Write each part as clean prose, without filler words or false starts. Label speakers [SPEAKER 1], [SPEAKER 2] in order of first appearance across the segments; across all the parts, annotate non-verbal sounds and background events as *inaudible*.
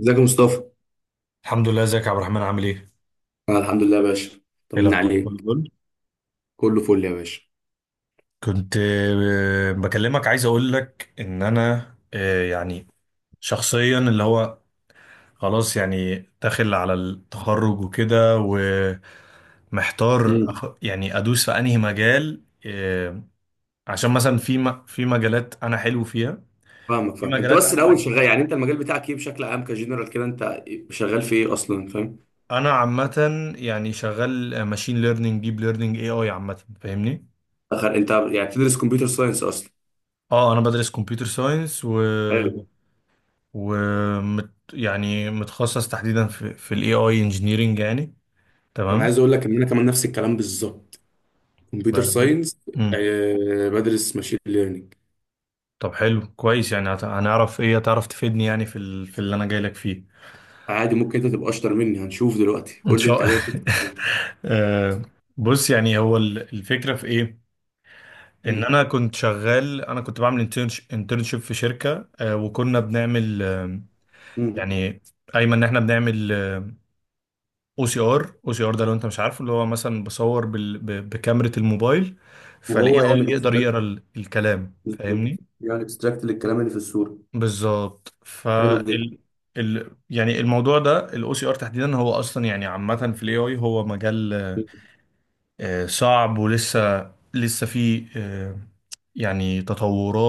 [SPEAKER 1] ازيك يا مصطفى؟
[SPEAKER 2] الحمد لله. ازيك يا عبد الرحمن؟ عامل ايه؟
[SPEAKER 1] انا الحمد لله يا باشا،
[SPEAKER 2] ايه
[SPEAKER 1] طمنا
[SPEAKER 2] الاخبار؟ كله
[SPEAKER 1] عليك.
[SPEAKER 2] جول.
[SPEAKER 1] كله فل يا باشا.
[SPEAKER 2] كنت بكلمك. عايز اقول لك ان انا يعني شخصيا اللي هو خلاص يعني داخل على التخرج وكده. ومحتار،
[SPEAKER 1] امم.
[SPEAKER 2] يعني ادوس في انهي مجال. عشان مثلا في مجالات انا حلو فيها.
[SPEAKER 1] فاهمك،
[SPEAKER 2] في
[SPEAKER 1] فاهم انت،
[SPEAKER 2] مجالات
[SPEAKER 1] بس
[SPEAKER 2] انا
[SPEAKER 1] الاول
[SPEAKER 2] بحب.
[SPEAKER 1] شغال. يعني انت المجال بتاعك ايه بشكل عام، كجنرال كده، انت شغال في ايه اصلا، فاهم؟
[SPEAKER 2] انا عامة يعني شغال ماشين ليرنينج، ديب ليرنينج، اي اي عامة. فاهمني؟
[SPEAKER 1] اخر انت يعني بتدرس كمبيوتر ساينس اصلا؟
[SPEAKER 2] اه، انا بدرس كمبيوتر ساينس و
[SPEAKER 1] حلو.
[SPEAKER 2] ومت يعني متخصص تحديدا في الاي اي انجينيرنج يعني.
[SPEAKER 1] انا
[SPEAKER 2] تمام.
[SPEAKER 1] عايز اقول لك ان انا كمان نفس الكلام بالظبط. كمبيوتر
[SPEAKER 2] ب- ب-
[SPEAKER 1] ساينس.
[SPEAKER 2] مم.
[SPEAKER 1] بدرس ماشين ليرنينج.
[SPEAKER 2] طب حلو كويس. يعني هنعرف ايه، هتعرف تفيدني يعني في اللي انا جاي لك فيه.
[SPEAKER 1] عادي، ممكن انت تبقى اشطر مني. هنشوف دلوقتي،
[SPEAKER 2] ان
[SPEAKER 1] قول لي
[SPEAKER 2] شاء
[SPEAKER 1] انت
[SPEAKER 2] الله.
[SPEAKER 1] جاي تسال فين.
[SPEAKER 2] *laughs* آه، بص، يعني هو الفكرة في ايه؟ ان
[SPEAKER 1] امم.
[SPEAKER 2] انا كنت شغال، انا كنت بعمل انترنشيب في شركة، وكنا بنعمل،
[SPEAKER 1] امم.
[SPEAKER 2] يعني ايمن ان احنا بنعمل او سي ار. او سي ار ده، لو انت مش عارفه، اللي هو مثلا بصور بكاميرا الموبايل، فالاي اي
[SPEAKER 1] وهو يعمل
[SPEAKER 2] يقدر يقرا
[SPEAKER 1] اكستراكت.
[SPEAKER 2] الكلام. فاهمني؟
[SPEAKER 1] بالظبط، يعمل اكستراكت للكلام اللي في الصوره.
[SPEAKER 2] بالظبط.
[SPEAKER 1] حلو جدا.
[SPEAKER 2] فال يعني الموضوع ده، الاو سي ار تحديدا، هو اصلا يعني عامه في الاي اي هو مجال صعب، ولسه لسه فيه يعني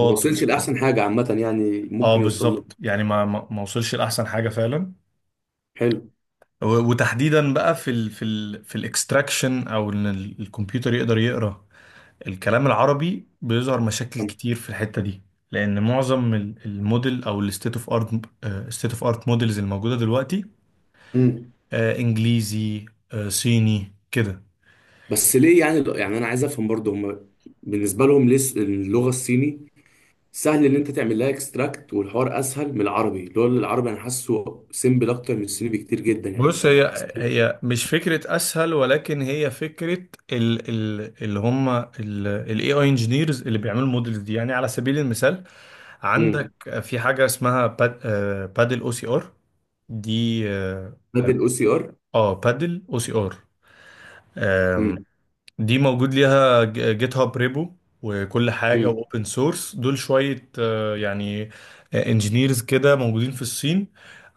[SPEAKER 1] ما وصلش لاحسن حاجه عامه، يعني
[SPEAKER 2] اه
[SPEAKER 1] ممكن يوصل له.
[SPEAKER 2] بالظبط. يعني ما وصلش لاحسن حاجه فعلا.
[SPEAKER 1] حلو.
[SPEAKER 2] وتحديدا بقى في الاكستراكشن، او ان الكمبيوتر يقدر يقرا الكلام العربي، بيظهر مشاكل كتير في الحتة دي. لأن معظم الموديل، أو الستيت اوف ارت، ستيت اوف ارت موديلز الموجودة دلوقتي
[SPEAKER 1] امم.
[SPEAKER 2] إنجليزي، صيني كده.
[SPEAKER 1] بس ليه؟ يعني انا عايز افهم برضه، هم بالنسبه لهم ليه اللغه الصيني سهل ان انت تعمل لها اكستراكت، والحوار اسهل من العربي؟ اللي هو العربي انا حاسه سيمبل اكتر من الصيني بكتير جدا، يعني
[SPEAKER 2] بص،
[SPEAKER 1] انت.
[SPEAKER 2] هي مش فكرة أسهل، ولكن هي فكرة ال ال اللي هم ال AI engineers اللي بيعملوا الموديلز دي. يعني على سبيل المثال، عندك
[SPEAKER 1] امم.
[SPEAKER 2] في حاجة اسمها باد، بادل او سي ار. دي اه،
[SPEAKER 1] بدل الاو سي ار.
[SPEAKER 2] بادل او سي ار.
[SPEAKER 1] امم.
[SPEAKER 2] دي موجود ليها جيت هاب ريبو وكل حاجة،
[SPEAKER 1] امم.
[SPEAKER 2] واوبن سورس. دول شوية يعني انجينيرز كده موجودين في الصين.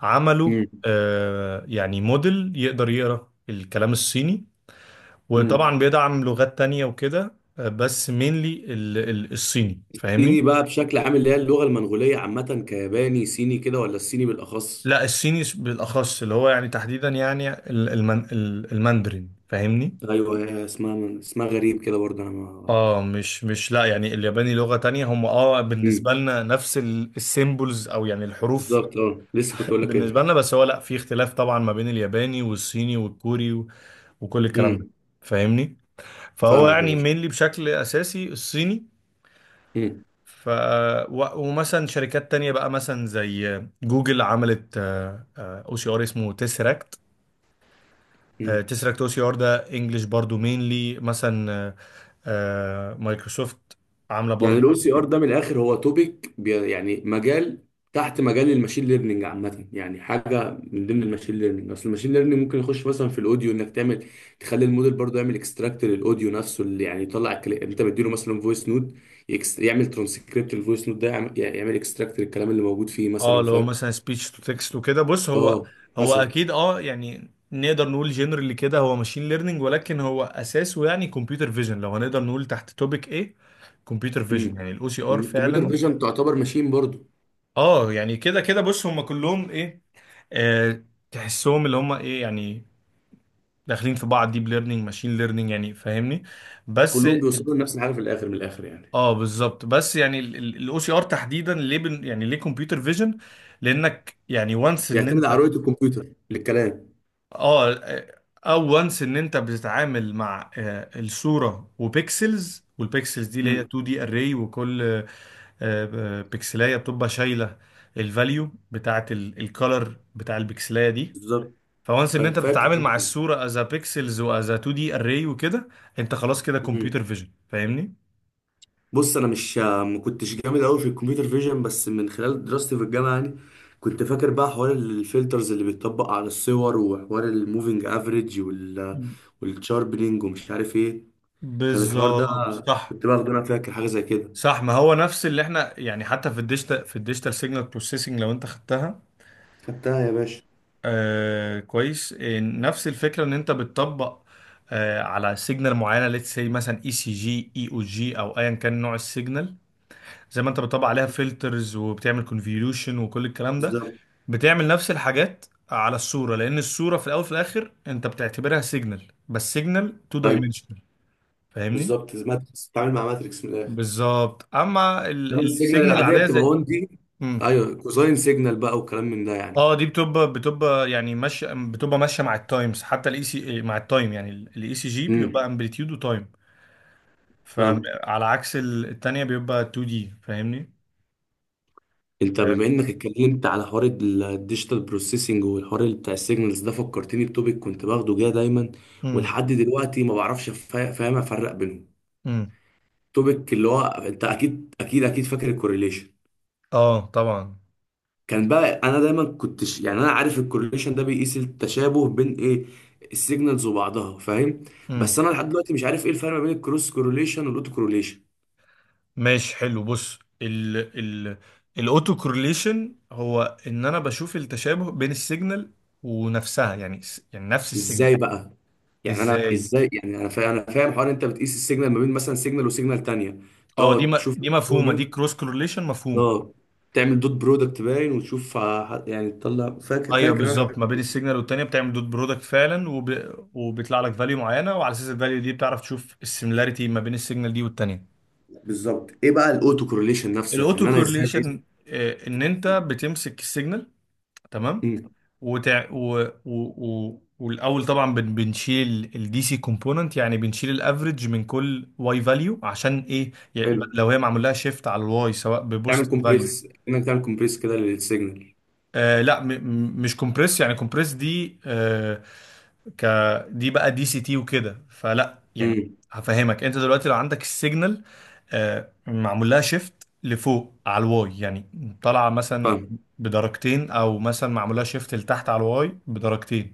[SPEAKER 2] عملوا
[SPEAKER 1] امم.
[SPEAKER 2] يعني موديل يقدر يقرأ الكلام الصيني،
[SPEAKER 1] امم.
[SPEAKER 2] وطبعا بيدعم لغات تانية وكده، بس مينلي الصيني.
[SPEAKER 1] صيني
[SPEAKER 2] فاهمني؟
[SPEAKER 1] بقى بشكل عام، اللي هي اللغه المنغوليه عامه، كياباني صيني كده، ولا الصيني بالاخص؟
[SPEAKER 2] لا، الصيني بالأخص، اللي هو يعني تحديدا يعني الماندرين. فاهمني؟
[SPEAKER 1] ايوه، هي اسمها اسمها غريب كده برضه. انا ما...
[SPEAKER 2] اه مش لا، يعني الياباني لغة تانية. هم اه
[SPEAKER 1] مم.
[SPEAKER 2] بالنسبة لنا نفس السيمبلز، او يعني الحروف
[SPEAKER 1] بالظبط. اه لسه كنت اقول لك
[SPEAKER 2] بالنسبة
[SPEAKER 1] ايه.
[SPEAKER 2] لنا. بس هو لا، في اختلاف طبعا ما بين الياباني والصيني والكوري وكل الكلام ده،
[SPEAKER 1] امم.
[SPEAKER 2] فاهمني. فهو
[SPEAKER 1] فاهمك يا
[SPEAKER 2] يعني
[SPEAKER 1] باشا.
[SPEAKER 2] مينلي، بشكل اساسي، الصيني.
[SPEAKER 1] امم.
[SPEAKER 2] ف ومثلا شركات تانية بقى مثلا زي جوجل عملت او سي ار اسمه تيسراكت.
[SPEAKER 1] امم.
[SPEAKER 2] تيسراكت او سي ار ده انجلش برضو مينلي مثلا مايكروسوفت عاملة
[SPEAKER 1] يعني
[SPEAKER 2] برضو.
[SPEAKER 1] الاو سي ار ده، من الاخر، هو توبيك يعني مجال تحت مجال الماشين ليرنينج عامه، يعني حاجه من ضمن الماشين ليرنينج. اصل الماشين ليرنينج ممكن يخش مثلا في الاوديو، انك تعمل تخلي الموديل برضه يعمل اكستراكت للاوديو نفسه، اللي يعني يطلع الكلام. انت مديله مثلا فويس نوت يعمل ترانسكريبت للفويس نوت ده، يعمل اكستراكت للكلام اللي موجود فيه،
[SPEAKER 2] اه
[SPEAKER 1] مثلا،
[SPEAKER 2] اللي هو
[SPEAKER 1] فاهم؟
[SPEAKER 2] مثلا سبيتش تو تكست وكده. بص، هو
[SPEAKER 1] اه.
[SPEAKER 2] هو
[SPEAKER 1] مثلا.
[SPEAKER 2] اكيد. اه يعني نقدر نقول جنرالي كده هو ماشين ليرنينج، ولكن هو اساسه يعني كمبيوتر فيجن، لو هنقدر نقول تحت توبيك ايه. كمبيوتر فيجن
[SPEAKER 1] امم.
[SPEAKER 2] يعني الاو سي ار
[SPEAKER 1] الكمبيوتر
[SPEAKER 2] فعلا.
[SPEAKER 1] فيجن تعتبر ماشين برضه.
[SPEAKER 2] اه يعني كده كده. بص، هم كلهم ايه آه تحسهم اللي هم ايه يعني داخلين في بعض. ديب ليرنينج، ماشين ليرنينج يعني، فاهمني. بس
[SPEAKER 1] كلهم بيوصلوا لنفس الحاجه في الاخر، من الاخر يعني.
[SPEAKER 2] اه بالظبط. بس يعني الاو سي ار تحديدا ليه بن، يعني ليه كمبيوتر فيجن؟ لانك يعني وانس ان
[SPEAKER 1] بيعتمد
[SPEAKER 2] انت
[SPEAKER 1] على رؤيه الكمبيوتر للكلام.
[SPEAKER 2] اه او وانس ان انت بتتعامل مع الصوره وبيكسلز، والبيكسلز دي اللي هي
[SPEAKER 1] امم.
[SPEAKER 2] 2 دي اري، وكل بيكسلايه بتبقى شايله الفاليو بتاعه الكالر بتاع البيكسلايه دي.
[SPEAKER 1] بالظبط.
[SPEAKER 2] فوانس ان انت
[SPEAKER 1] فاكر
[SPEAKER 2] بتتعامل مع
[SPEAKER 1] أنا.
[SPEAKER 2] الصوره از بيكسلز واز 2 دي اري وكده، انت خلاص كده
[SPEAKER 1] أمم.
[SPEAKER 2] كمبيوتر فيجن. فاهمني؟
[SPEAKER 1] بص، انا مش ما كنتش جامد قوي في الكمبيوتر فيجن، بس من خلال دراستي في الجامعه يعني كنت فاكر بقى حوار الفلترز اللي بيتطبق على الصور، وحوار الموفينج افريج والشاربنينج ومش عارف ايه. كان الحوار ده
[SPEAKER 2] بالظبط. صح.
[SPEAKER 1] كنت باخده، انا فاكر حاجه زي كده.
[SPEAKER 2] صح، ما هو نفس اللي احنا يعني، حتى في الديجيتال، في الديجيتال سيجنال بروسيسنج، لو انت خدتها.
[SPEAKER 1] خدتها يا باشا.
[SPEAKER 2] آه كويس. نفس الفكره، ان انت بتطبق على سيجنال معينه، ليتس سي مثلا اي سي جي، اي او جي، او ايا كان نوع السيجنال، زي ما انت بتطبق عليها فلترز، وبتعمل كونفوليوشن، وكل الكلام ده.
[SPEAKER 1] بالظبط.
[SPEAKER 2] بتعمل نفس الحاجات على الصوره، لان الصوره في الاول وفي الاخر انت بتعتبرها سيجنال، بس سيجنال تو
[SPEAKER 1] ايوه
[SPEAKER 2] دايمنشنال. فاهمني؟
[SPEAKER 1] بالظبط، ماتريكس بتتعامل مع ماتريكس من الاخر.
[SPEAKER 2] بالظبط. اما
[SPEAKER 1] انما السيجنال
[SPEAKER 2] السيجنال
[SPEAKER 1] العاديه
[SPEAKER 2] العاديه
[SPEAKER 1] بتبقى
[SPEAKER 2] زي،
[SPEAKER 1] 1D دي.
[SPEAKER 2] مم.
[SPEAKER 1] ايوه، كوساين سيجنال بقى وكلام من ده يعني.
[SPEAKER 2] اه، دي بتبقى يعني ماشيه، بتبقى ماشيه مع التايمز، حتى الاي سي مع التايم، يعني الاي سي جي بيبقى
[SPEAKER 1] امم.
[SPEAKER 2] امبليتيود وتايم.
[SPEAKER 1] فاهم.
[SPEAKER 2] فعلى عكس التانية، بيبقى 2 دي. فاهمني؟
[SPEAKER 1] انت،
[SPEAKER 2] آه،
[SPEAKER 1] بما انك اتكلمت على حوار الديجيتال بروسيسنج والحوار اللي بتاع السيجنالز ده، فكرتني بتوبيك كنت باخده جاه دايما.
[SPEAKER 2] امم
[SPEAKER 1] ولحد دلوقتي ما بعرفش. فاهم افرق بينهم.
[SPEAKER 2] امم
[SPEAKER 1] توبيك اللي هو انت اكيد، اكيد، اكيد فاكر: الكورليشن.
[SPEAKER 2] اه طبعا.
[SPEAKER 1] كان بقى انا دايما كنتش يعني. انا عارف الكورليشن ده بيقيس التشابه بين ايه، السيجنالز وبعضها، فاهم؟
[SPEAKER 2] امم،
[SPEAKER 1] بس انا لحد دلوقتي مش عارف ايه الفرق ما بين الكروس كورليشن والاوتو كورليشن.
[SPEAKER 2] ماشي حلو. بص ال ال الاوتو كورليشن هو ان انا بشوف التشابه بين السيجنال ونفسها، يعني يعني نفس
[SPEAKER 1] ازاي
[SPEAKER 2] السيجنال
[SPEAKER 1] بقى؟ يعني انا
[SPEAKER 2] ازاي.
[SPEAKER 1] ازاي؟ يعني انا فاهم انا فاهم حوار انت بتقيس السيجنال ما بين مثلا سيجنال وسيجنال تانية،
[SPEAKER 2] اه
[SPEAKER 1] تقعد تشوف. *laughs*
[SPEAKER 2] دي مفهومه، دي كروس كورليشن مفهومه.
[SPEAKER 1] اه، تعمل دوت برودكت باين وتشوف يعني تطلع. فاكر
[SPEAKER 2] ايوه
[SPEAKER 1] فاكر انا
[SPEAKER 2] بالظبط، ما
[SPEAKER 1] حاجة-.
[SPEAKER 2] بين السيجنال والتانية بتعمل دوت برودكت فعلا، وبيطلع لك فاليو معينه، وعلى اساس الفاليو دي بتعرف تشوف السيميلاريتي ما بين السيجنال دي والتانية.
[SPEAKER 1] بالظبط، ايه بقى الاوتو كورليشن نفسه؟
[SPEAKER 2] الاوتو
[SPEAKER 1] يعني انا ازاي بقيس؟
[SPEAKER 2] كورليشن، ان انت بتمسك السيجنال. تمام.
[SPEAKER 1] امم.
[SPEAKER 2] وتع... و... و... و... والاول طبعا بنشيل الدي سي كومبوننت، يعني بنشيل الافريج من كل واي فاليو، عشان ايه؟ يعني
[SPEAKER 1] حلو.
[SPEAKER 2] لو هي معمول لها شيفت على الواي، سواء
[SPEAKER 1] تعمل
[SPEAKER 2] ببوست فاليو
[SPEAKER 1] كومبريس؟ انك تعمل كومبريس كده للسيجنال؟
[SPEAKER 2] لا مش كومبريس. يعني كومبريس دي، آه، ك دي بقى دي سي تي وكده. فلا يعني
[SPEAKER 1] امم.
[SPEAKER 2] هفهمك. انت دلوقتي لو عندك السيجنال معمول لها شيفت لفوق على الواي، يعني طالعه مثلا
[SPEAKER 1] فاهم
[SPEAKER 2] بدرجتين، او مثلا معمول لها شيفت لتحت على الواي بدرجتين.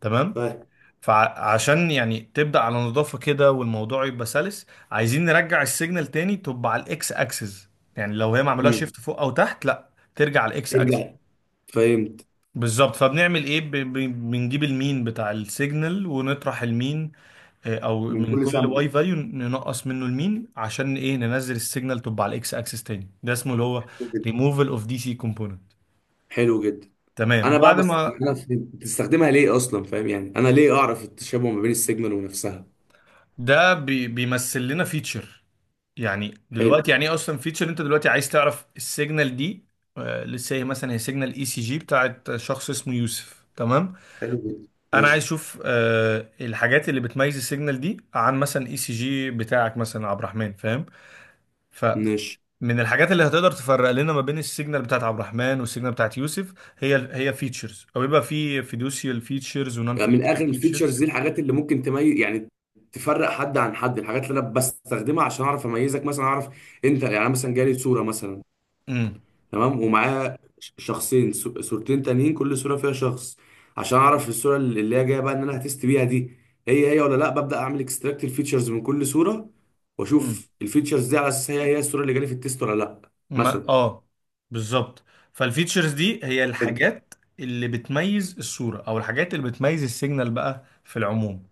[SPEAKER 2] تمام.
[SPEAKER 1] فاهم.
[SPEAKER 2] فعشان يعني تبدا على نظافه كده والموضوع يبقى سلس، عايزين نرجع السيجنال تاني تبقى على الاكس اكسس. يعني لو هي معمول لها
[SPEAKER 1] امم.
[SPEAKER 2] شيفت فوق او تحت، لا، ترجع على الاكس اكسس.
[SPEAKER 1] ترجع. فهمت.
[SPEAKER 2] بالظبط. فبنعمل ايه؟ بنجيب المين بتاع السيجنال ونطرح المين، او
[SPEAKER 1] من
[SPEAKER 2] من
[SPEAKER 1] كل
[SPEAKER 2] كل واي
[SPEAKER 1] سامبل.
[SPEAKER 2] فاليو ننقص منه المين. عشان ايه؟ ننزل السيجنال تبقى على الاكس اكسس تاني. ده اسمه اللي هو ريموفال اوف دي سي كومبوننت.
[SPEAKER 1] حلو جدا.
[SPEAKER 2] تمام.
[SPEAKER 1] انا بقى.
[SPEAKER 2] بعد
[SPEAKER 1] بس
[SPEAKER 2] ما
[SPEAKER 1] انا بتستخدمها ليه اصلا، فاهم؟ يعني انا ليه اعرف التشابه ما بين السيجنال ونفسها؟
[SPEAKER 2] ده بي بيمثل لنا فيتشر. يعني
[SPEAKER 1] حلو.
[SPEAKER 2] دلوقتي يعني ايه اصلا فيتشر؟ انت دلوقتي عايز تعرف السيجنال دي، لسه هي مثلا، هي سيجنال اي سي جي بتاعت شخص اسمه يوسف. تمام.
[SPEAKER 1] حلو جدا.
[SPEAKER 2] انا عايز
[SPEAKER 1] ماشي.
[SPEAKER 2] اشوف الحاجات اللي بتميز السيجنال دي عن مثلا اي سي جي بتاعك مثلا عبد الرحمن، فاهم. ف
[SPEAKER 1] ماشي.
[SPEAKER 2] من الحاجات اللي هتقدر تفرق لنا ما بين السيجنال بتاعت عبد الرحمن والسيجنال بتاعت يوسف، هي فيتشرز، او يبقى في فيدوشيال فيتشرز ونون
[SPEAKER 1] يعني من
[SPEAKER 2] فيدوشيال
[SPEAKER 1] اخر، الفيتشرز
[SPEAKER 2] فيتشرز.
[SPEAKER 1] دي الحاجات اللي ممكن تميز يعني تفرق حد عن حد، الحاجات اللي انا بستخدمها عشان اعرف اميزك مثلا. اعرف انت يعني. أنا مثلا جالي صوره مثلا.
[SPEAKER 2] امم.
[SPEAKER 1] تمام، ومعاه شخصين صورتين تانيين، كل صورة فيها شخص. عشان
[SPEAKER 2] امم.
[SPEAKER 1] اعرف الصورة اللي هي جاية بقى ان انا هتست بيها دي، هي هي ولا لا؟ ببدأ اعمل اكستراكت الفيتشرز من كل صورة،
[SPEAKER 2] أمم.
[SPEAKER 1] واشوف الفيتشرز دي على اساس هي هي الصورة اللي جالي في التيست ولا لا،
[SPEAKER 2] ما
[SPEAKER 1] مثلا.
[SPEAKER 2] اه بالظبط. فالفيتشرز دي هي
[SPEAKER 1] فهمت.
[SPEAKER 2] الحاجات اللي بتميز الصورة، او الحاجات اللي بتميز السيجنال بقى في العموم.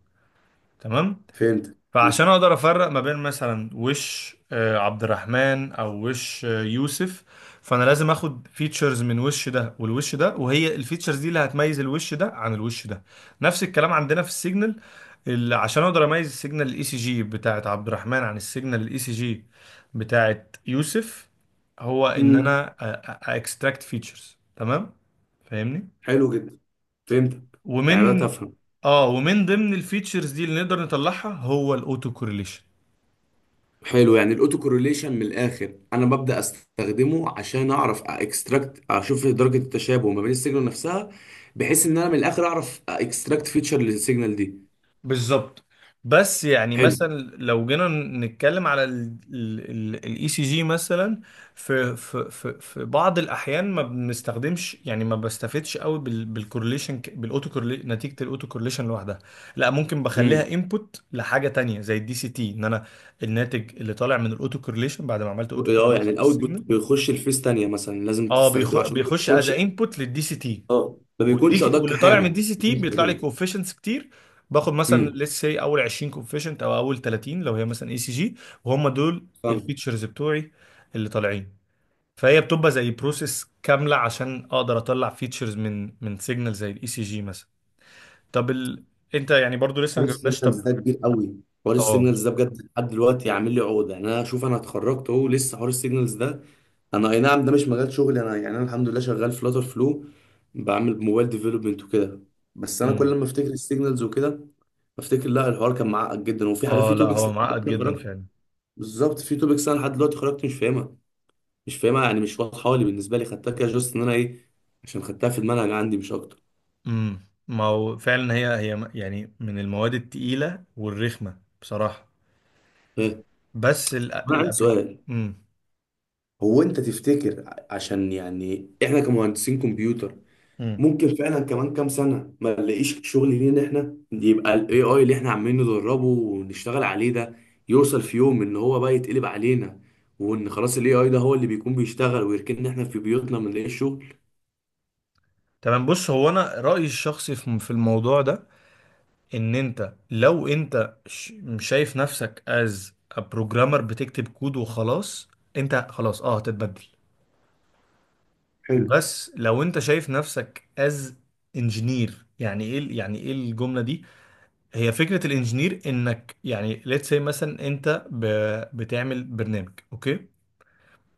[SPEAKER 2] تمام.
[SPEAKER 1] فهمت.
[SPEAKER 2] فعشان اقدر افرق ما بين مثلا وش عبد الرحمن او وش يوسف، فانا لازم اخد فيتشرز من وش ده والوش ده، وهي الفيتشرز دي اللي هتميز الوش ده عن الوش ده. نفس الكلام عندنا في السيجنال، اللي عشان اقدر اميز السيجنال الاي سي جي بتاعت عبد الرحمن عن السيجنال الاي سي جي بتاعت يوسف، هو ان
[SPEAKER 1] امم.
[SPEAKER 2] انا اكستراكت فيتشرز. تمام. فاهمني؟
[SPEAKER 1] حلو جدا. فهمتك. يعني بدأت
[SPEAKER 2] ومن
[SPEAKER 1] افهم.
[SPEAKER 2] اه ومن ضمن الفيتشرز دي اللي نقدر نطلعها هو الاوتو كورليشن.
[SPEAKER 1] حلو. يعني الاوتو كورليشن من الاخر انا ببدا استخدمه عشان اعرف اكستراكت، اشوف درجه التشابه ما بين السيجنال نفسها، بحيث ان انا من الاخر اعرف اكستراكت فيتشر للسيجنال دي.
[SPEAKER 2] بالظبط. بس يعني
[SPEAKER 1] حلو.
[SPEAKER 2] مثلا لو جينا نتكلم على الاي سي جي مثلا، في بعض الاحيان ما بنستخدمش، يعني ما بستفدش قوي بالكورليشن، بالاوتو كورلي، نتيجه الاوتو كورليشن لوحدها. لا، ممكن بخليها
[SPEAKER 1] امم.
[SPEAKER 2] انبوت لحاجه تانية زي الدي سي تي. ان انا الناتج اللي طالع من الاوتو كورليشن بعد ما عملت اوتو
[SPEAKER 1] اه يعني
[SPEAKER 2] كورليشن
[SPEAKER 1] الاوتبوت
[SPEAKER 2] للسيجنال،
[SPEAKER 1] بيخش الفيس تانية مثلا، لازم
[SPEAKER 2] اه
[SPEAKER 1] تستخدمه عشان ما
[SPEAKER 2] بيخش از
[SPEAKER 1] بيكونش.
[SPEAKER 2] انبوت للدي سي تي.
[SPEAKER 1] اه ما
[SPEAKER 2] والدي
[SPEAKER 1] بيكونش
[SPEAKER 2] سي
[SPEAKER 1] ادق
[SPEAKER 2] واللي طالع من
[SPEAKER 1] حاجه،
[SPEAKER 2] الدي سي تي
[SPEAKER 1] لازم
[SPEAKER 2] بيطلع لي
[SPEAKER 1] تستخدمه.
[SPEAKER 2] كوفيشنتس كتير. باخد مثلا
[SPEAKER 1] امم.
[SPEAKER 2] ليتس سي اول 20 كوفيشنت، او اول 30 لو هي مثلا اي سي جي. وهم دول
[SPEAKER 1] فاهم.
[SPEAKER 2] الفيتشرز بتوعي اللي طالعين. فهي بتبقى زي بروسيس كامله عشان اقدر اطلع فيتشرز من سيجنال زي الاي سي جي مثلا. طب انت يعني برضو لسه
[SPEAKER 1] حوار
[SPEAKER 2] ما جبناش. طب
[SPEAKER 1] السيجنالز ده كبير قوي. حوار
[SPEAKER 2] اه،
[SPEAKER 1] السيجنالز ده بجد لحد دلوقتي عامل لي عقده يعني. انا شوف، انا اتخرجت اهو، لسه حوار السيجنالز ده. انا، اي نعم، ده مش مجال شغلي انا يعني. انا الحمد لله شغال فلاتر فلو، بعمل موبايل ديفلوبمنت وكده. بس انا
[SPEAKER 2] امم،
[SPEAKER 1] كل ما افتكر السيجنالز وكده، بفتكر لا، الحوار كان معقد جدا، وفي حاجات،
[SPEAKER 2] اه
[SPEAKER 1] في
[SPEAKER 2] لا،
[SPEAKER 1] توبكس
[SPEAKER 2] هو
[SPEAKER 1] لحد
[SPEAKER 2] معقد
[SPEAKER 1] دلوقتي
[SPEAKER 2] جدا
[SPEAKER 1] خرجت.
[SPEAKER 2] فعلا.
[SPEAKER 1] بالظبط. في توبكس انا لحد دلوقتي خرجت مش فاهمها، مش فاهمها يعني، مش واضحه لي. بالنسبه لي خدتها كده جوست ان انا ايه، عشان خدتها في المنهج عندي مش اكتر.
[SPEAKER 2] امم. ما هو فعلا، يعني من المواد التقيله والرخمه بصراحه.
[SPEAKER 1] ايه.
[SPEAKER 2] بس
[SPEAKER 1] انا عندي
[SPEAKER 2] الابليك،
[SPEAKER 1] سؤال.
[SPEAKER 2] امم.
[SPEAKER 1] هو انت تفتكر عشان يعني احنا كمهندسين كمبيوتر، ممكن فعلا كمان كام سنة ما نلاقيش شغل لينا احنا؟ يبقى الاي اي اللي احنا عمالين ندربه ونشتغل عليه ده يوصل في يوم ان هو بقى يتقلب علينا، وان خلاص الاي اي ده هو اللي بيكون بيشتغل ويركننا احنا في بيوتنا ما نلاقيش شغل؟
[SPEAKER 2] تمام. بص هو انا رأيي الشخصي في الموضوع ده، ان انت لو مش شايف نفسك از بروجرامر بتكتب كود وخلاص، انت خلاص اه هتتبدل.
[SPEAKER 1] حلو.
[SPEAKER 2] بس لو انت شايف نفسك از انجينير، يعني ايه يعني ايه الجملة دي؟ هي فكرة الانجينير، انك يعني let's say مثلا انت بتعمل برنامج، اوكي،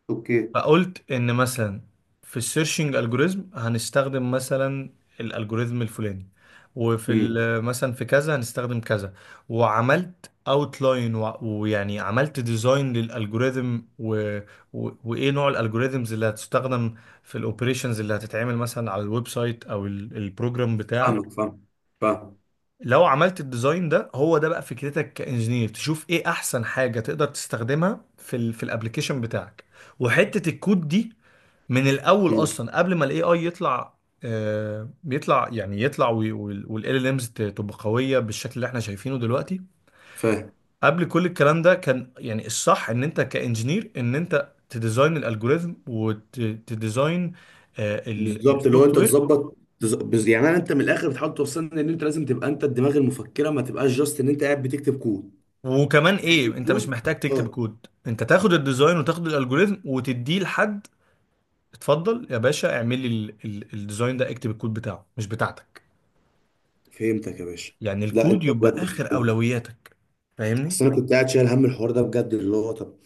[SPEAKER 1] اوكي.
[SPEAKER 2] فقلت ان مثلا في السيرشنج الجوريزم هنستخدم مثلا الالجوريزم الفلاني، وفي
[SPEAKER 1] امم.
[SPEAKER 2] مثلا في كذا هنستخدم كذا، وعملت اوتلاين، ويعني عملت ديزاين للالجوريزم وايه نوع الالجوريزمز اللي هتستخدم في الاوبريشنز اللي هتتعمل مثلا على الويب سايت او البروجرام بتاعك.
[SPEAKER 1] فاهمك. فاهم فاهم.
[SPEAKER 2] لو عملت الديزاين ده، هو ده بقى فكرتك كانجينير، تشوف ايه احسن حاجه تقدر تستخدمها في الابلكيشن بتاعك. وحته الكود دي من الاول
[SPEAKER 1] امم.
[SPEAKER 2] اصلا قبل ما الاي اي يطلع بيطلع، يعني يطلع والال ال امز تبقى قويه بالشكل اللي احنا شايفينه دلوقتي.
[SPEAKER 1] فاهم.
[SPEAKER 2] قبل كل الكلام ده كان يعني الصح، ان انت كانجينير ان انت تديزاين الالجوريزم وتديزاين
[SPEAKER 1] بالظبط. اللي هو
[SPEAKER 2] السوفت
[SPEAKER 1] انت
[SPEAKER 2] وير.
[SPEAKER 1] تظبط يعني انت من الاخر بتحاول توصلني ان انت لازم تبقى انت الدماغ المفكره ما تبقاش جاست ان انت قاعد بتكتب كود.
[SPEAKER 2] وكمان ايه، انت مش
[SPEAKER 1] موجود.
[SPEAKER 2] محتاج
[SPEAKER 1] اه.
[SPEAKER 2] تكتب كود، انت تاخد الديزاين وتاخد الالجوريزم وتديه لحد. اتفضل يا باشا، اعمل لي الديزاين ده، اكتب الكود بتاعه مش بتاعتك.
[SPEAKER 1] فهمتك يا باشا.
[SPEAKER 2] يعني
[SPEAKER 1] لا
[SPEAKER 2] الكود
[SPEAKER 1] انت
[SPEAKER 2] يبقى
[SPEAKER 1] بجد،
[SPEAKER 2] اخر
[SPEAKER 1] فهمت.
[SPEAKER 2] اولوياتك. فاهمني؟
[SPEAKER 1] اصل انا كنت قاعد شايل هم الحوار ده بجد، اللي هو طب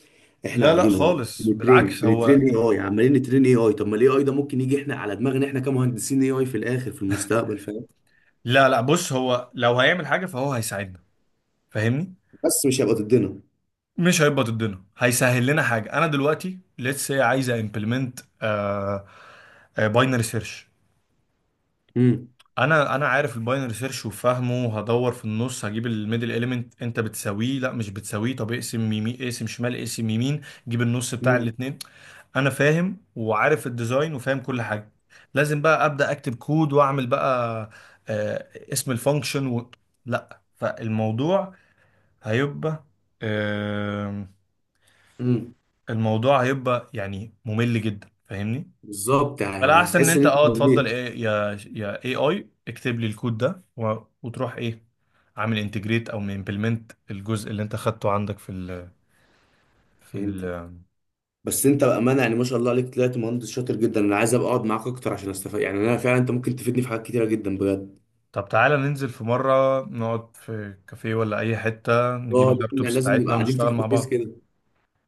[SPEAKER 1] احنا
[SPEAKER 2] لا لا
[SPEAKER 1] قاعدين اهو
[SPEAKER 2] خالص،
[SPEAKER 1] بنترين
[SPEAKER 2] بالعكس، هو
[SPEAKER 1] بنترين اي اي، عمالين نترين اي اي. طب ما الاي اي ده ممكن يجي احنا على دماغنا احنا كمهندسين اي اي في الاخر في المستقبل، فاهم؟
[SPEAKER 2] لا لا، بص هو لو هيعمل حاجة فهو هيساعدنا، فاهمني.
[SPEAKER 1] بس مش هيبقى ضدنا.
[SPEAKER 2] مش هيبقى ضدنا، هيسهل لنا حاجة. انا دلوقتي ليتس سي عايزة امبلمنت باينري سيرش.
[SPEAKER 1] امم.
[SPEAKER 2] انا عارف الباينري سيرش وفاهمه. هدور في النص، هجيب الميدل اليمنت، انت بتساويه؟ لا مش بتساويه. طب اقسم يمين، اقسم شمال، اقسم يمين. جيب النص بتاع
[SPEAKER 1] امم.
[SPEAKER 2] الاتنين. انا فاهم وعارف الديزاين وفاهم كل حاجه، لازم بقى ابدا اكتب كود واعمل بقى آه، اسم الفانكشن لا. فالموضوع هيبقى آه،
[SPEAKER 1] امم.
[SPEAKER 2] الموضوع هيبقى يعني ممل جدا، فاهمني.
[SPEAKER 1] بالظبط.
[SPEAKER 2] فلا،
[SPEAKER 1] يعني
[SPEAKER 2] احسن ان
[SPEAKER 1] هتحس ان
[SPEAKER 2] انت
[SPEAKER 1] انت
[SPEAKER 2] اه تفضل
[SPEAKER 1] مليت.
[SPEAKER 2] إيه يا يا اي اي اكتب لي الكود ده وتروح ايه، عامل انتجريت او امبلمنت الجزء اللي انت خدته عندك في
[SPEAKER 1] فهمتك.
[SPEAKER 2] ال...
[SPEAKER 1] بس انت بامانه، يعني ما شاء الله عليك، طلعت مهندس شاطر جدا. انا عايز ابقى اقعد معاك اكتر عشان استفاد، يعني انا فعلا انت ممكن تفيدني في حاجات كتيره جدا بجد.
[SPEAKER 2] طب تعالى ننزل في مرة نقعد في كافيه ولا أي حتة، نجيب
[SPEAKER 1] اه، لان
[SPEAKER 2] اللابتوبس
[SPEAKER 1] لازم نبقى
[SPEAKER 2] بتاعتنا
[SPEAKER 1] قاعدين
[SPEAKER 2] ونشتغل
[SPEAKER 1] فيس تو
[SPEAKER 2] مع
[SPEAKER 1] فيس
[SPEAKER 2] بعض.
[SPEAKER 1] كده.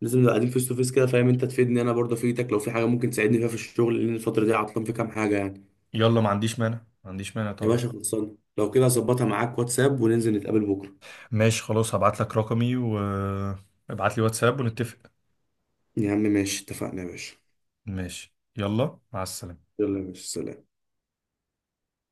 [SPEAKER 1] لازم نبقى قاعدين فيس تو فيس كده، فاهم؟ انت تفيدني انا برضه افيدك، لو في حاجه ممكن تساعدني فيها في الشغل، لان الفتره دي عطلان في كام حاجه يعني.
[SPEAKER 2] يلا، ما عنديش مانع، ما عنديش مانع
[SPEAKER 1] يا
[SPEAKER 2] طبعا.
[SPEAKER 1] باشا خلصان. لو كده هظبطها معاك واتساب وننزل نتقابل بكره.
[SPEAKER 2] ماشي خلاص، هبعت لك رقمي وابعت لي واتساب ونتفق.
[SPEAKER 1] يا عم ماشي، اتفقنا يا باشا.
[SPEAKER 2] ماشي، يلا مع السلامة.
[SPEAKER 1] يلا يا باشا، سلام.